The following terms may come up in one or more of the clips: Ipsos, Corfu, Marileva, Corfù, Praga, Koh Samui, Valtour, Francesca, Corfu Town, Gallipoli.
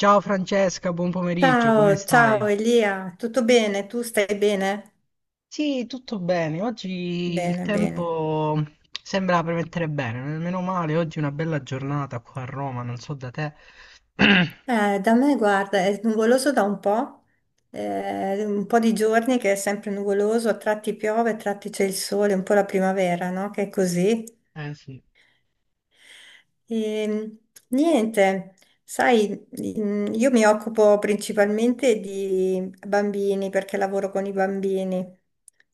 Ciao Francesca, buon pomeriggio, come Ciao, stai? ciao Elia, tutto bene? Tu stai bene? Sì, tutto bene. Oggi il Bene, bene. tempo sembra premettere bene, meno male, oggi è una bella giornata qua a Roma, non so da te. Da me, guarda, è nuvoloso da un po' di giorni che è sempre nuvoloso, a tratti piove, a tratti c'è il sole, un po' la primavera, no? Che è così. Eh sì. E, niente, sai, io mi occupo principalmente di bambini perché lavoro con i bambini,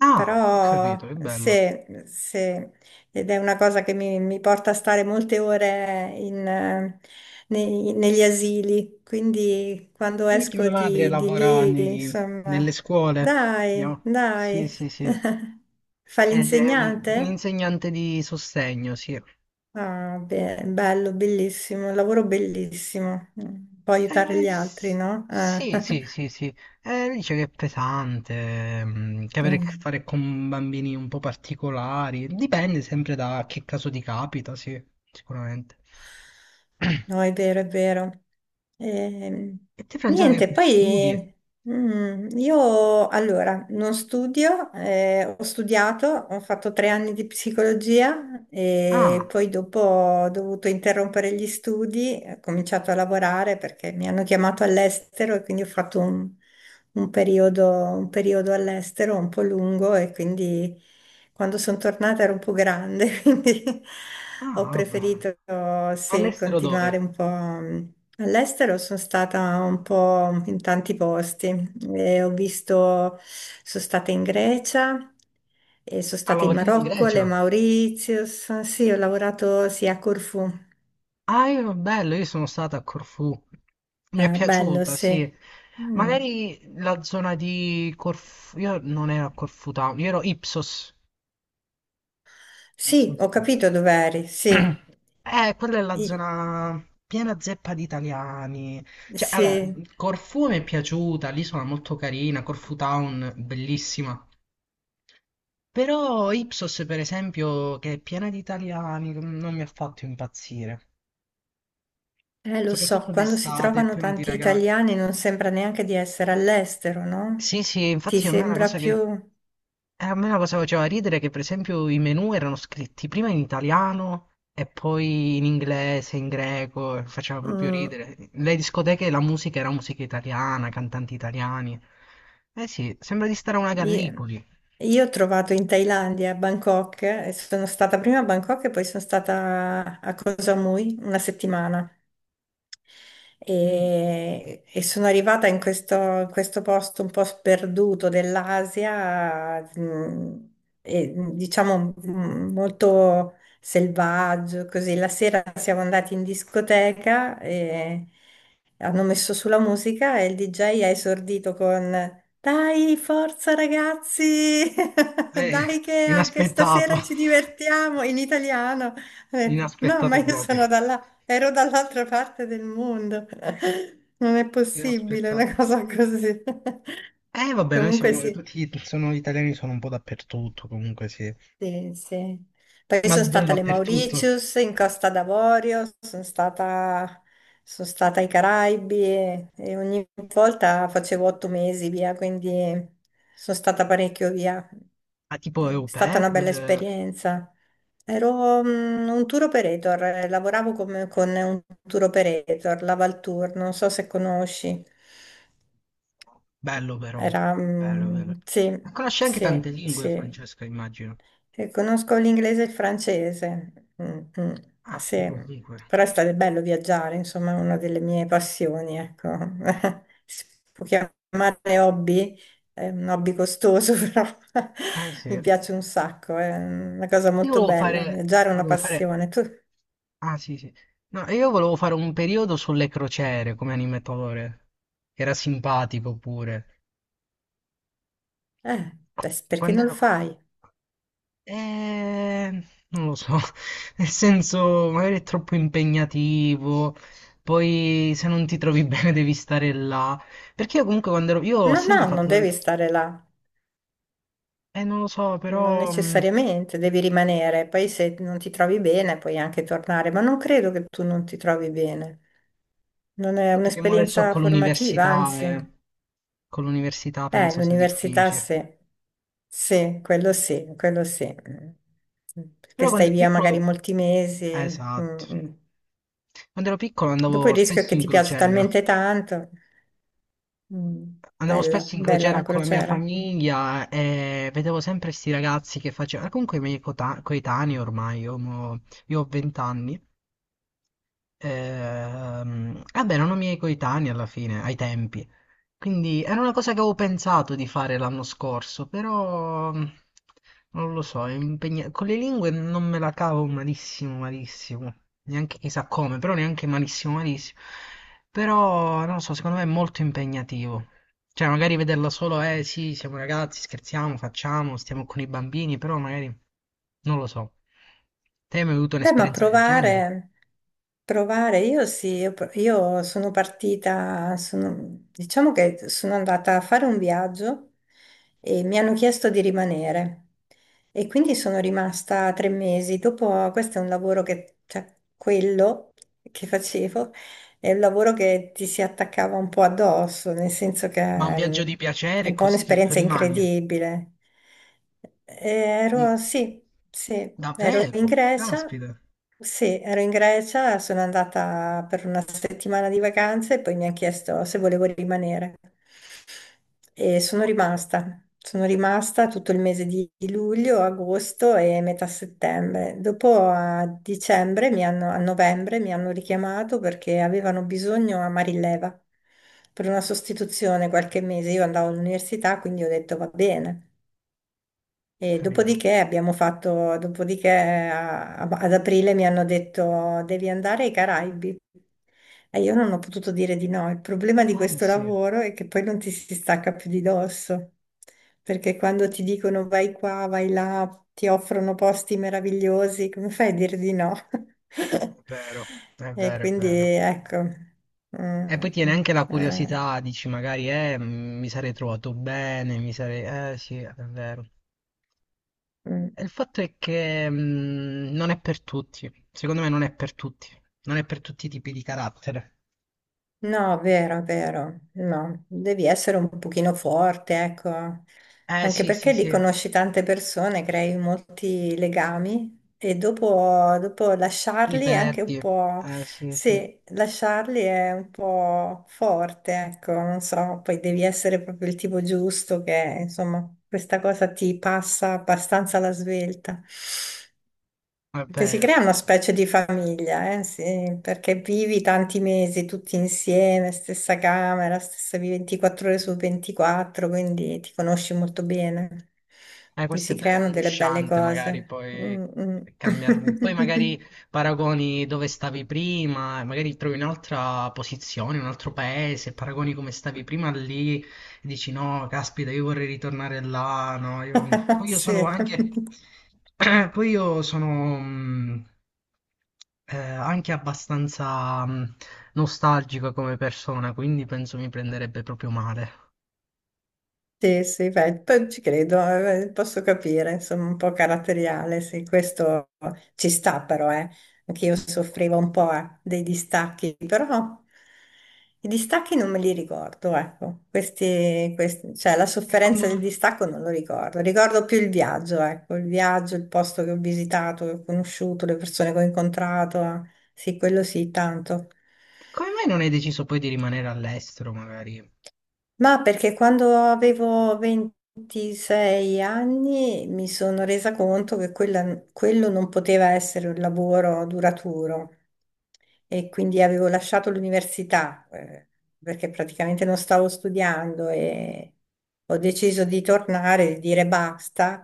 Ah, ho capito, però che bello. se. Ed è una cosa che mi porta a stare molte ore in, negli asili, quindi quando E anche esco mia madre di lavora lì, insomma, nelle scuole, dai, no? Sì, dai. sì, sì. Fa È un l'insegnante? insegnante di sostegno, sì. Ah, bello, bellissimo, un lavoro bellissimo. Mm, può aiutare Eh, gli altri, s- no? Sì, sì, sì, sì. Dice che è pesante, che avere a che Mm. fare con bambini un po' particolari. Dipende sempre da che caso ti capita, sì, sicuramente. No, è vero, è vero. Ehm, E te, Francesca, che Niente, fai? Studi? poi io allora non studio, ho studiato, ho fatto 3 anni di psicologia e Ah, poi dopo ho dovuto interrompere gli studi, ho cominciato a lavorare perché mi hanno chiamato all'estero e quindi ho fatto un periodo all'estero un po' lungo e quindi... Quando sono tornata ero un po' grande, quindi ho ah, va bene. preferito, sì, All'estero continuare dove? un po' all'estero. Sono stata un po' in tanti posti. E ho visto, sono stata in Grecia, e sono A stata in lavorare in Marocco, le Grecia? Mauritius. Sì, ho lavorato sì, a Corfù. Ah, io, bello, io sono stata a Corfù. Mi è Bello, piaciuta, sì. sì. Mm. Magari la zona di Corfù. Io non ero a Corfù Town, io ero Ipsos. Non Sì, so se ho poi- capito dove eri, sì. Quella è la I- zona piena zeppa di italiani. Cioè, allora, Sì. Corfù mi è piaciuta, l'isola è molto carina, Corfu Town, bellissima. Però Ipsos, per esempio, che è piena di italiani, non mi ha fatto impazzire. Lo so, Soprattutto quando si d'estate, è trovano pieno di tanti ragazzi. italiani non sembra neanche di essere all'estero, no? Sì, sì, Ti infatti a me è una sembra cosa che... più... E a me la cosa faceva ridere che, per esempio, i menù erano scritti prima in italiano e poi in inglese, in greco, e faceva proprio Mm, ridere. Le discoteche, la musica era musica italiana, cantanti italiani. Eh sì, sembra di stare a una io, Gallipoli. io ho trovato in Thailandia, a Bangkok, e sono stata prima a Bangkok e poi sono stata a Koh Samui una settimana. Mm. E sono arrivata in questo posto un po' sperduto dell'Asia, e, diciamo molto selvaggio, così. La sera siamo andati in discoteca e hanno messo sulla musica e il DJ ha esordito con: "Dai, forza ragazzi! Eh, Dai che anche inaspettato. stasera ci divertiamo in italiano." Ho detto: "No, ma Inaspettato io proprio. sono dalla..." Ero dall'altra parte del mondo. Non è possibile una Inaspettato. cosa così. Eh vabbè, noi Comunque siamo sì, tutti, sono italiani, sono un po' dappertutto, comunque sì. sì, sì. Poi Ma sono davvero stata alle dappertutto. Mauritius, in Costa d'Avorio, sono stata ai Caraibi e ogni volta facevo 8 mesi via, quindi sono stata parecchio via. Ah, tipo È au stata pair, una bella esperienza. Ero un tour operator, con un tour operator, la Valtour, non so se conosci. bello però, Era, bello mm, bello. sì, Ma conosci anche sì, tante lingue, sì. Francesca, immagino. Sì, conosco l'inglese e il francese. Mm, mm, Ah, che sì, comunque. però è stato bello viaggiare, insomma, è una delle mie passioni, ecco. Si può chiamare hobby, è un hobby costoso, però Eh sì. mi Io piace un sacco, è una cosa molto bella. Viaggiare è una volevo fare... passione. Tu, Ah sì sì. No, io volevo fare un periodo sulle crociere come animatore. Che Era simpatico pure. eh, beh, perché Quando non lo ero... fai? Eh, non lo so, nel senso magari è troppo impegnativo, poi se non ti trovi bene devi stare là. Perché io comunque quando ero... Io ho No, sempre no, non fatto devi tante... stare là, non lo so, non però il necessariamente, devi rimanere. Poi se non ti trovi bene puoi anche tornare, ma non credo che tu non ti trovi bene. Non è fatto che mo adesso un'esperienza formativa, anzi, con l'università penso sia l'università difficile. sì, sì, quello sì, quello sì, perché Però quando stai ero via magari piccolo, molti mesi. Mm, esatto, mm. quando ero piccolo Dopo andavo il rischio è spesso che in ti piace crociera. talmente tanto. Mm, Andavo bella, spesso in bella la crociera con la mia crociera. famiglia e vedevo sempre questi ragazzi che facevano, comunque i miei coetanei ormai, io ho 20 anni, vabbè, erano miei coetanei alla fine, ai tempi. Quindi era una cosa che avevo pensato di fare l'anno scorso, però non lo so, con le lingue non me la cavo malissimo, malissimo. Neanche chissà come, però neanche malissimo, malissimo. Però non lo so, secondo me è molto impegnativo. Cioè, magari vederla solo, eh sì, siamo ragazzi, scherziamo, facciamo, stiamo con i bambini, però magari non lo so. Te hai mai avuto Beh, ma un'esperienza del genere? Provare, io sì, io sono partita, diciamo che sono andata a fare un viaggio e mi hanno chiesto di rimanere e quindi sono rimasta 3 mesi. Dopo, questo è un lavoro che, cioè, quello che facevo, è un lavoro che ti si attaccava un po' addosso, nel senso che Ma un mm, viaggio di è piacere un po' così tu un'esperienza rimani. incredibile. Mm, Ero, sì, sì, ero in davvero? Grecia, Caspita, sì, ero in Grecia, sono andata per una settimana di vacanze e poi mi ha chiesto se volevo rimanere. E caspita, ho sono rimasta tutto il mese di luglio, agosto e metà settembre. Dopo a dicembre, mi hanno, a novembre, mi hanno richiamato perché avevano bisogno a Marileva per una sostituzione qualche mese. Io andavo all'università, quindi ho detto va bene. E capito. Dopodiché ad aprile mi hanno detto devi andare ai Caraibi e io non ho potuto dire di no. Il problema di Ah, questo sì, è lavoro è che poi non ti si stacca più di dosso, perché quando ti dicono vai qua, vai là, ti offrono posti meravigliosi, come fai a dire di no? vero, è E vero, è quindi vero. ecco. Mm, E poi tiene mm, anche la mm. curiosità, dici magari, mi sarei trovato bene, mi sarei... sì, è vero. Mm. E il fatto è che non è per tutti, secondo me non è per tutti, non è per tutti i tipi di carattere. No, vero, vero, no, devi essere un pochino forte, ecco, anche Sì, sì, perché lì sì, conosci tante persone, crei molti legami e dopo, dopo li lasciarli è anche perdi. un po', Sì, sì, è sì, lasciarli è un po' forte, ecco, non so, poi devi essere proprio il tipo giusto che, insomma, questa cosa ti passa abbastanza alla svelta. Che si vero, è crea una vero. specie di famiglia, sì, perché vivi tanti mesi tutti insieme, stessa camera, stessa vivi 24 ore su 24, quindi ti conosci molto bene. E Questo si è vera, è creano delle belle angosciante, magari cose. poi Mm, mm. cambiare. Poi magari paragoni dove stavi prima, e magari trovi un'altra posizione, un altro paese, paragoni come stavi prima lì e dici no, caspita, io vorrei ritornare là, no, io- Poi io sono Sì. anche... Poi io sono... anche abbastanza nostalgico come persona, quindi penso mi prenderebbe proprio male. Sì, sì, beh, poi ci credo, posso capire, insomma, un po' caratteriale, sì, questo ci sta però, eh. Anche io soffrivo un po', dei distacchi, però i distacchi non me li ricordo, ecco, cioè la E quando... sofferenza del distacco non lo ricordo, ricordo più il viaggio, ecco, il viaggio, il posto che ho visitato, che ho conosciuto, le persone che ho incontrato, eh. Sì, quello sì, tanto. Come mai non hai deciso poi di rimanere all'estero, magari? Ma perché quando avevo 26 anni mi sono resa conto che quello non poteva essere un lavoro duraturo e quindi avevo lasciato l'università perché praticamente non stavo studiando e ho deciso di tornare, di dire basta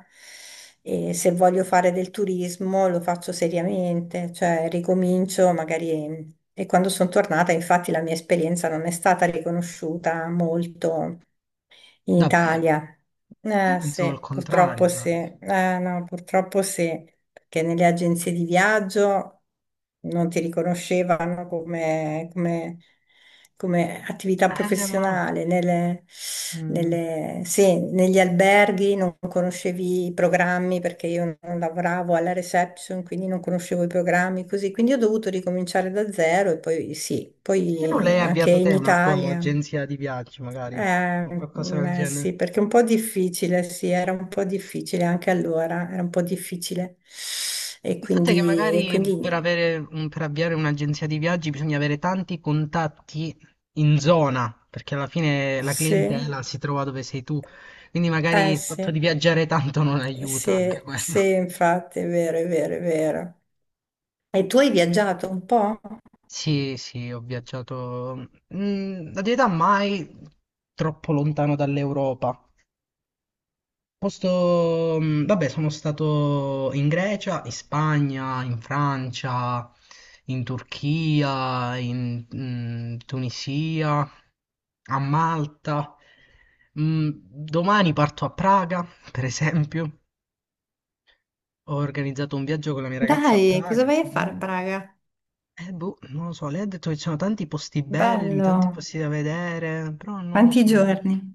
e se voglio fare del turismo lo faccio seriamente, cioè ricomincio magari. E quando sono tornata, infatti, la mia esperienza non è stata riconosciuta molto in Davvero? Italia. Io Eh pensavo al sì, contrario, purtroppo sì, guarda. eh no, purtroppo sì, perché nelle agenzie di viaggio non ti riconoscevano come attività Ma... professionale, mm, sì, negli alberghi non conoscevi i programmi perché io non lavoravo alla reception, quindi non conoscevo i programmi così, quindi ho dovuto ricominciare da zero e poi sì, perché non l'hai poi anche avviata in te una tua Italia. agenzia di viaggi, magari? Eh, O qualcosa del genere? sì, perché è un po' difficile, sì, era un po' difficile anche allora, era un po' difficile. Il fatto è che E quindi magari per avere, per avviare un'agenzia di viaggi bisogna avere tanti contatti in zona, perché alla fine la sì, clientela si trova dove sei tu. Quindi magari il fatto di sì, viaggiare tanto non aiuta sì, anche quello. sì, infatti, è vero, è vero, è vero. E tu hai viaggiato un po'? Sì, sì, ho viaggiato, mm, la verità mai troppo lontano dall'Europa. Posto, mm, vabbè, sono stato in Grecia, in Spagna, in Francia, in Turchia, in Tunisia, a Malta. Mm, domani parto a Praga, per esempio. Ho organizzato un viaggio con la mia ragazza a Dai, cosa Praga. vai a fare a Mm. Praga? Boh, non lo so, lei ha detto che ci sono tanti posti belli, Bello, tanti posti da vedere, però non lo quanti so. Io- giorni?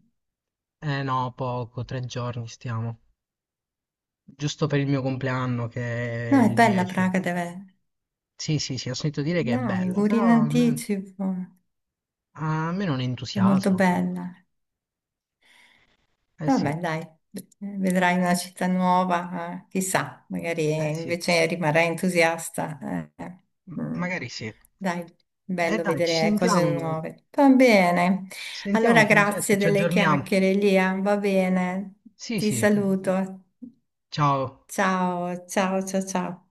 Eh no, poco, tre giorni stiamo. Giusto per il mio compleanno che è No, è il bella 10. Praga, deve... Sì, sì, sì, ho sentito dire che è Dai, bella, auguri però in anticipo, a me non è molto entusiasmo troppo. bella. Eh sì, Vabbè, dai, vedrai una città nuova, chissà, magari eh sì, invece rimarrai entusiasta. Eh, eh. Mm. magari sì. Dai, bello Dai, vedere cose nuove. Va bene. ci sentiamo Allora, Francesca, grazie ci delle aggiorniamo. chiacchiere, Lia. Va bene. Sì, Ti sì, saluto. ciao. Ciao, ciao, ciao, ciao.